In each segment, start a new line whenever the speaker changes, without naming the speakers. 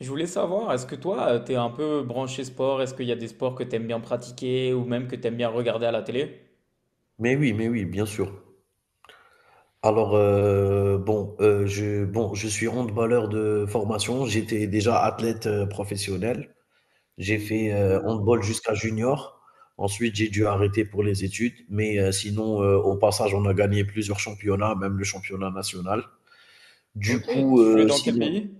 Je voulais savoir, est-ce que toi, t'es un peu branché sport? Est-ce qu'il y a des sports que t'aimes bien pratiquer ou même que t'aimes bien regarder à la télé?
Mais oui, bien sûr. Alors, bon, je suis handballeur de formation. J'étais déjà athlète, professionnel. J'ai fait, handball jusqu'à junior. Ensuite, j'ai dû arrêter pour les études, mais sinon, au passage, on a gagné plusieurs championnats, même le championnat national. Du
Ok,
coup,
tu jouais dans quel
sinon.
pays?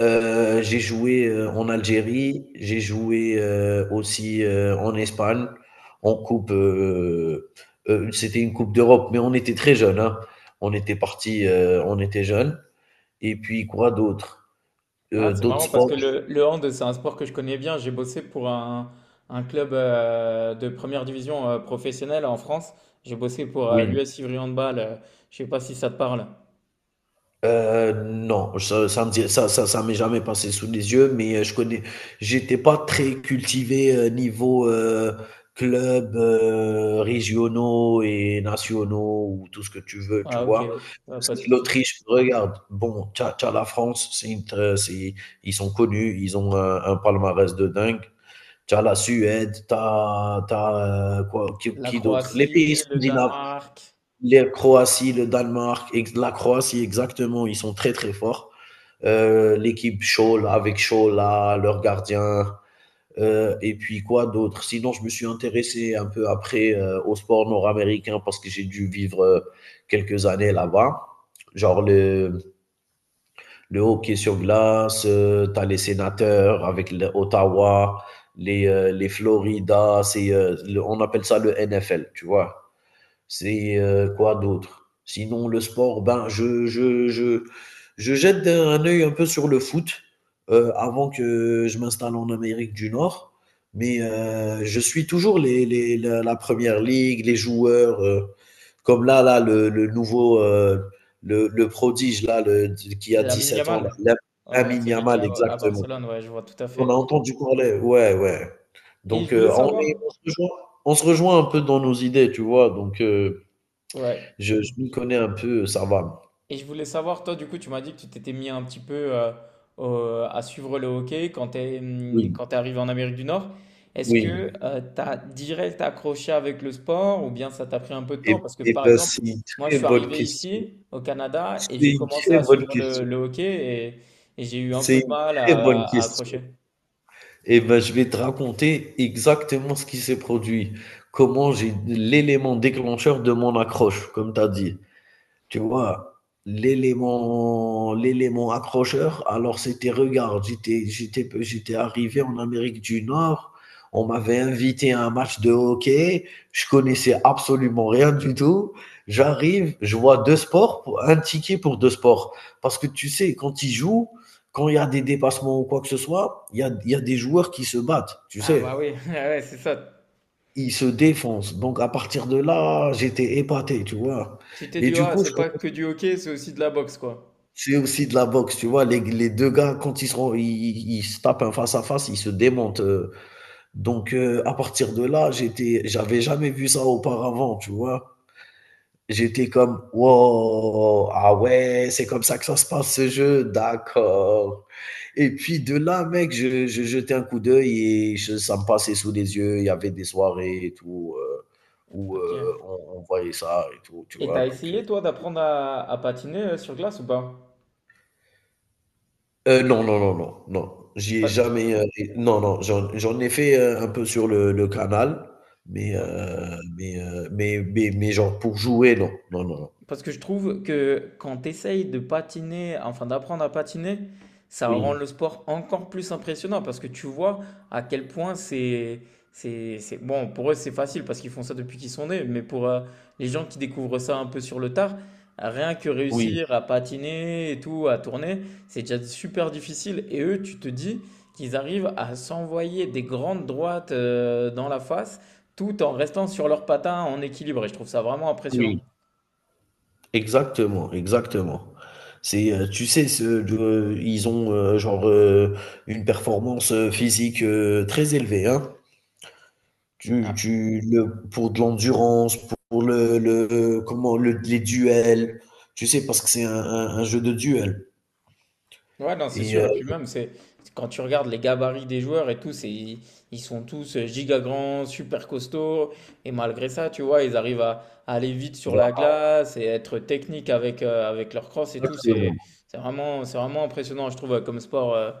J'ai joué en Algérie, j'ai joué aussi en Espagne, en coupe. C'était une coupe d'Europe, mais on était très jeunes, hein. On était partis, on était jeunes. Et puis quoi d'autre?
Ah, c'est
D'autres
marrant parce
sports?
que le hand, c'est un sport que je connais bien. J'ai bossé pour un club de première division professionnelle en France. J'ai bossé pour
Oui.
l'US Ivry Handball. Je sais pas si ça te parle.
Non, ça me dit- ça m'est jamais passé sous les yeux, mais je connais, j'étais pas très cultivé, niveau club, régionaux et nationaux, ou tout ce que tu veux, tu
Ah, ok,
vois.
ouais,
Je
ouais, pas
sais
de
que
souci.
l'Autriche, regarde, bon, t'as la France, c'est une tr- c'est, ils sont connus, ils ont un palmarès de dingue. T'as la Suède, t'as quoi, qui,
La
qui d'autre? Les
Croatie,
pays
le
scandinaves,
Danemark,
les Croatie, le Danemark, la Croatie exactement, ils sont très très forts. L'équipe Scholl avec Schola, leur gardien. Et puis quoi d'autre. Sinon, je me suis intéressé un peu après, au sport nord-américain parce que j'ai dû vivre, quelques années là-bas. Genre le hockey sur glace, t'as les sénateurs avec l'Ottawa, les Florida, on appelle ça le NFL, tu vois. Quoi d'autre? Sinon le sport, ben, je jette un œil un peu sur le foot, avant que je m'installe en Amérique du Nord, mais je suis toujours les la 1 ligue, les joueurs, comme là le nouveau, le prodige là, le qui a dix
Lamine
sept ans là.
Yamal.
La
Ouais,
Lamine
celui qui est
Yamal
à
exactement.
Barcelone, ouais, je vois tout à
On a
fait.
entendu parler? Ouais, ouais.
Et je
Donc,
voulais
on
savoir.
est on se rejoint on se rejoint un peu dans nos idées, tu vois? Donc,
Ouais.
je m'y connais un peu, ça va.
Et je voulais savoir, toi, du coup, tu m'as dit que tu t'étais mis un petit peu à suivre le hockey quand tu
Oui,
es quand t'es arrivé en Amérique du Nord. Est-ce que
oui.
t'as direct accroché avec le sport ou bien ça t'a pris un peu de
Et
temps? Parce que,
et
par
ben,
exemple,
c'est une
moi, je
très
suis
bonne
arrivé
question.
ici, au Canada,
C'est
et j'ai
une
commencé
très
à
bonne
suivre le,
question.
le hockey et, et j'ai eu un peu
C'est
de
une
mal
très bonne
à
question.
accrocher.
Et ben, je vais te raconter exactement ce qui s'est produit. Comment j'ai l'élément déclencheur de mon accroche, comme tu as dit. Tu vois, l'élément accrocheur, alors c'était, regarde, j'étais arrivé en Amérique du Nord, on m'avait invité à un match de hockey, je connaissais absolument rien du tout. J'arrive, je vois deux sports, un ticket pour deux sports. Parce que tu sais, quand ils jouent, quand il y a des dépassements ou quoi que ce soit, il y a des joueurs qui se battent, tu
Ah
sais.
bah oui, ouais, c'est ça.
Ils se défoncent. Donc, à partir de là, j'étais épaté, tu vois.
Tu t'es
Et
dit,
du
ah,
coup,
c'est
je
pas que du hockey, c'est aussi de la boxe, quoi.
C'est aussi de la boxe, tu vois? Les 2 gars, quand ils se tapent un face à face, ils se démontent, donc à partir de là, j'avais jamais vu ça auparavant, tu vois? J'étais comme: «Waouh, ah ouais, c'est comme ça que ça se passe ce jeu, d'accord.» Et puis de là, mec, je jetais un coup d'œil et je ça me passait sous les yeux. Il y avait des soirées et tout, où,
Ok.
on voyait ça et tout, tu
Et
vois?
t'as
Donc.
essayé toi d'apprendre à patiner sur glace ou pas?
Non, non, non, non, non. J'y ai
Pas-
jamais, é non, non, j'en ai fait, un peu sur le canal, mais genre pour jouer, non. Non, non, non.
Parce que je trouve que quand tu essayes de patiner, enfin d'apprendre à patiner, ça rend
Oui,
le sport encore plus impressionnant parce que tu vois à quel point bon, pour eux c'est facile parce qu'ils font ça depuis qu'ils sont nés, mais pour les gens qui découvrent ça un peu sur le tard, rien que
oui,
réussir à patiner et tout, à tourner, c'est déjà super difficile et eux, tu te dis qu'ils arrivent à s'envoyer des grandes droites dans la face tout en restant sur leurs patins en équilibre et je trouve ça vraiment impressionnant.
oui, exactement, exactement. Tu sais, ce de ils ont, genre, une performance, physique, très élevée, hein. Tu tu le pour de l'endurance, pour le comment, le les duels, tu sais? Parce que c'est un jeu de duel
Ouais, non, c'est sûr. Et
et
puis même, c'est quand tu regardes les gabarits des joueurs et tout, c'est ils ils sont tous giga grands, super costauds. Et malgré ça, tu vois, ils arrivent à aller vite sur
heu
la glace et être techniques avec, avec leur crosse et tout. C'est
Exactement,
c'est vraiment, c'est vraiment impressionnant, je trouve, comme sport.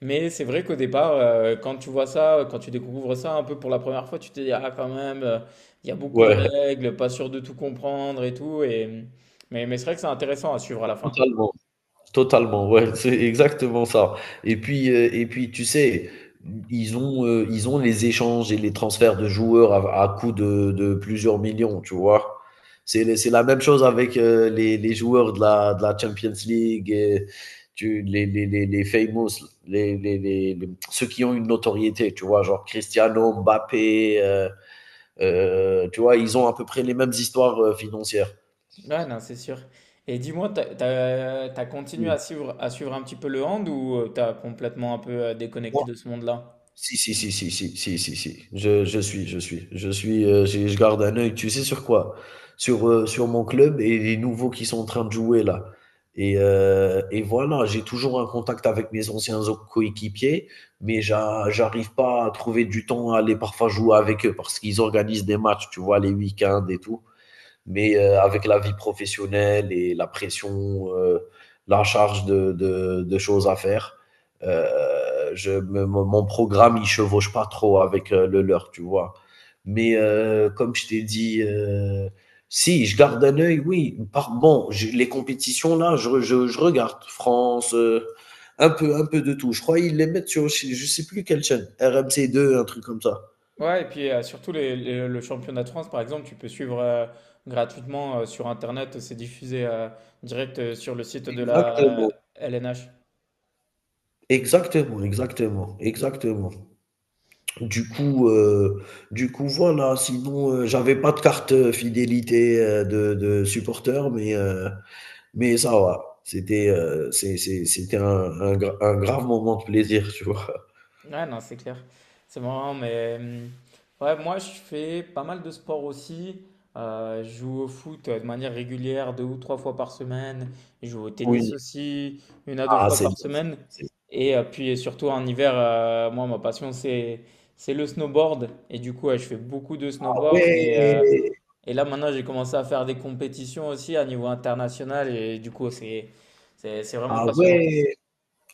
Mais c'est vrai qu'au départ, quand tu vois ça, quand tu découvres ça un peu pour la première fois, tu te dis, ah, quand même, il y a beaucoup de
ouais,
règles, pas sûr de tout comprendre et tout. Et... mais c'est vrai que c'est intéressant à suivre à la fin.
totalement, totalement, ouais, c'est exactement ça. Et puis, tu sais, ils ont les échanges et les transferts de joueurs à coût de plusieurs millions, tu vois? C'est la même chose avec, les joueurs de la Champions League, et tu les ceux qui ont une notoriété, tu vois? Genre Cristiano, Mbappé, tu vois? Ils ont à peu près les mêmes histoires, financières.
Ouais, non, c'est sûr. Et dis-moi, t'as continué
Mmh.
à suivre un petit peu le hand ou t'as complètement un peu déconnecté de ce monde-là?
Si, si, si, si, si, si, si, si. Je suis, je suis, je suis, j'ai je garde un œil, tu sais sur quoi? Sur, sur mon club et les nouveaux qui sont en train de jouer là, et voilà, j'ai toujours un contact avec mes anciens o coéquipiers, mais j'arrive pas à trouver du temps à aller parfois jouer avec eux parce qu'ils organisent des matchs, tu vois? Les week-ends et tout, mais avec la vie professionnelle et la pression, la charge de choses à faire, mon programme, il chevauche pas trop avec, le leur, tu vois. Mais comme je t'ai dit, si, je garde un œil, oui. Bon, les compétitions, là, je regarde France, un peu de tout. Je crois qu'ils les mettent sur, je sais plus quelle chaîne, RMC2, un truc comme ça.
Ouais, et puis surtout le championnat de France, par exemple, tu peux suivre gratuitement sur Internet, c'est diffusé direct sur le site de la
Exactement.
LNH.
Exactement, exactement, exactement. Du coup, heu, du coup, voilà. Sinon, j'avais pas de carte, fidélité, de supporter, mais ça va. C'était, c'est c'était un grave moment de plaisir, tu vois?
Ouais, non, c'est clair. C'est marrant, mais ouais, moi, je fais pas mal de sport aussi. Je joue au foot de manière régulière, deux ou trois fois par semaine. Je joue au tennis
Oui.
aussi, une à deux
Ah,
fois
c'est bien,
par
c'est bien,
semaine.
c'est
Et puis, et surtout en hiver, moi, ma passion, c'est le snowboard. Et du coup, ouais, je fais beaucoup de
ah
snowboard.
ouais!
Et là, maintenant, j'ai commencé à faire des compétitions aussi à niveau international. Et du coup, c'est vraiment
Ah
passionnant.
ouais!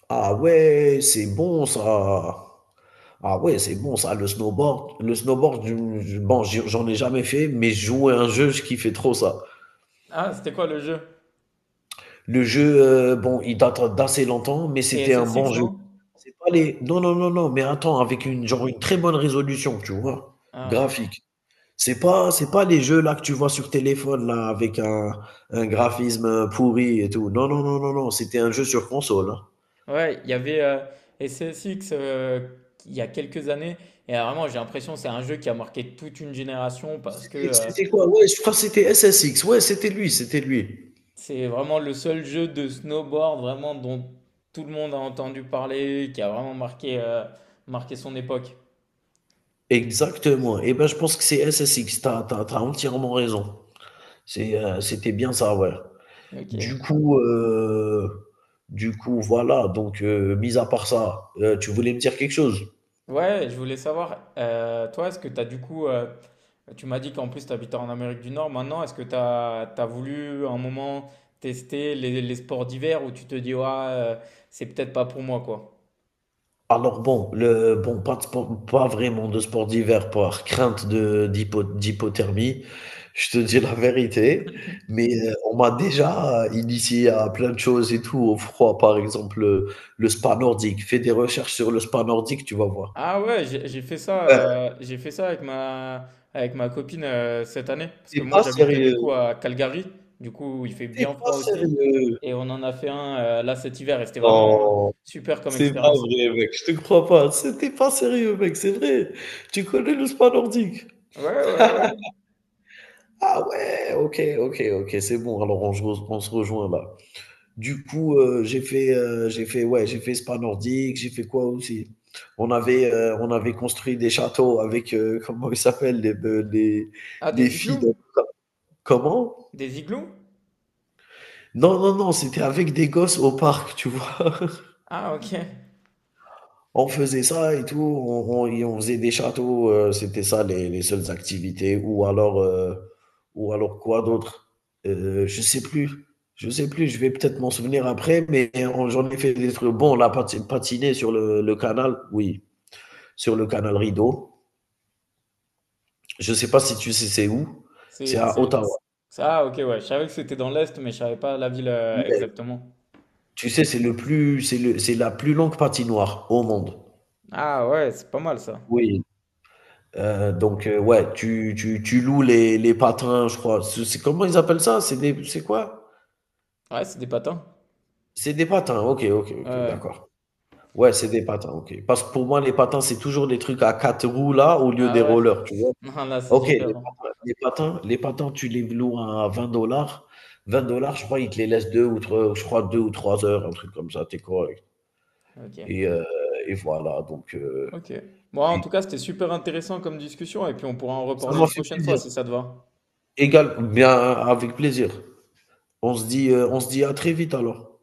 Ah ouais! C'est bon ça! Ah ouais, c'est bon ça, le snowboard. Le snowboard, je bon, j'y j'en ai jamais fait, mais jouer à un jeu, je kiffais trop ça.
Ah, c'était quoi le jeu?
Le jeu, bon, il date d'assez longtemps, mais
C'était
c'était un bon
SSX,
jeu.
non?
C'est pas les non, non, non, non, mais attends, avec une très bonne résolution, tu vois?
Ah.
Graphique. C'est pas les jeux là que tu vois sur téléphone là, avec un graphisme pourri et tout. Non, non, non, non, non, c'était un jeu sur console, hein.
Ouais, il y avait SSX il y a quelques années, et vraiment j'ai l'impression que c'est un jeu qui a marqué toute une génération parce que
C'était c'était quoi? Ouais, je crois que c'était SSX. Ouais, c'était lui, c'était lui.
c'est vraiment le seul jeu de snowboard vraiment dont tout le monde a entendu parler, qui a vraiment marqué, marqué son époque.
Exactement. Et ben, je pense que c'est SSX. Tu as tu as tu entièrement raison. C'était bien ça, ouais.
Ok.
Du coup, heu, du coup, voilà. Donc, mis à part ça, tu voulais me dire quelque chose?
Ouais, je voulais savoir, toi, est-ce que tu as du coup, tu m'as dit qu'en plus tu habitais en Amérique du Nord, maintenant, est-ce que tu as voulu un moment tester les sports d'hiver où tu te dis, ouais, c'est peut-être pas pour moi, quoi?
Alors bon, pas vraiment de sport d'hiver, par crainte de d'hypo d'hypothermie, je te dis la vérité, mais on m'a déjà initié à plein de choses et tout, au froid, par exemple, le spa nordique. Fais des recherches sur le spa nordique, tu vas voir.
Ah ouais, j'ai fait ça,
Ouais,
j'ai fait ça avec ma copine cette année. Parce que
tu
moi,
pas
j'habite du
sérieux,
coup à Calgary. Du coup, il fait
t'es
bien
pas
froid aussi.
sérieux.
Et on en a fait un là cet hiver. Et c'était vraiment
Non.
super comme
C'est pas
expérience.
vrai, mec, je te crois pas. C'était pas sérieux, mec, c'est vrai. Tu connais le spa nordique?
Ouais, ouais, ouais.
Ah ouais, OK, OK, OK, c'est bon. Alors on se rejoint là. Du coup, j'ai fait spa nordique, j'ai fait quoi aussi? On avait construit des châteaux avec, comment ils s'appellent les be
Ah,
les
des
filles
igloos?
de comment?
Des igloos?
Non, non, non, c'était avec des gosses au parc, tu vois?
Ah, ok.
On faisait ça et tout, et on faisait des châteaux, c'était ça les seules activités. Ou alors, ou alors quoi d'autre? Je sais plus, je sais plus, je vais peut-être m'en souvenir après, mais j'en ai fait des trucs. Bon, on a patiné sur le canal, oui, sur le canal Rideau. Je sais pas si tu sais c'est où, c'est
C'est,
à
c'est...
Ottawa.
Ça, ah, ok, ouais. Je savais que c'était dans l'Est, mais je savais pas la ville
Ouais.
exactement.
Tu sais, c'est le plus, c'est le, c'est la plus longue patinoire au monde.
Ah ouais, c'est pas mal ça.
Oui. Donc, ouais, tu loues les patins, je crois. Comment ils appellent ça? C'est quoi?
Ouais, c'est des patins.
C'est des patins. Ok, ok,
Ouais.
ok,
Ouais.
d'accord. Ouais, c'est des patins, ok. Parce que pour moi, les patins, c'est toujours des trucs à quatre roues là, au lieu des
Ah ouais.
rollers, tu vois.
Non, là, c'est
Ok, les
différent.
patins, les patins, les patins, tu les loues à 20 dollars. 20 dollars, je crois, ils te les laissent deux ou trois, je crois, 2 ou 3 heures, un truc comme ça, t'es correct. Et,
Ok.
euh, et voilà, donc,
Ok. Moi, en
c'est-
tout cas, c'était super intéressant comme discussion et puis on pourra en
ça
reparler
m'a
une
fait
prochaine fois
plaisir.
si ça te va.
Égal, bien, avec plaisir. On se dit à très vite alors.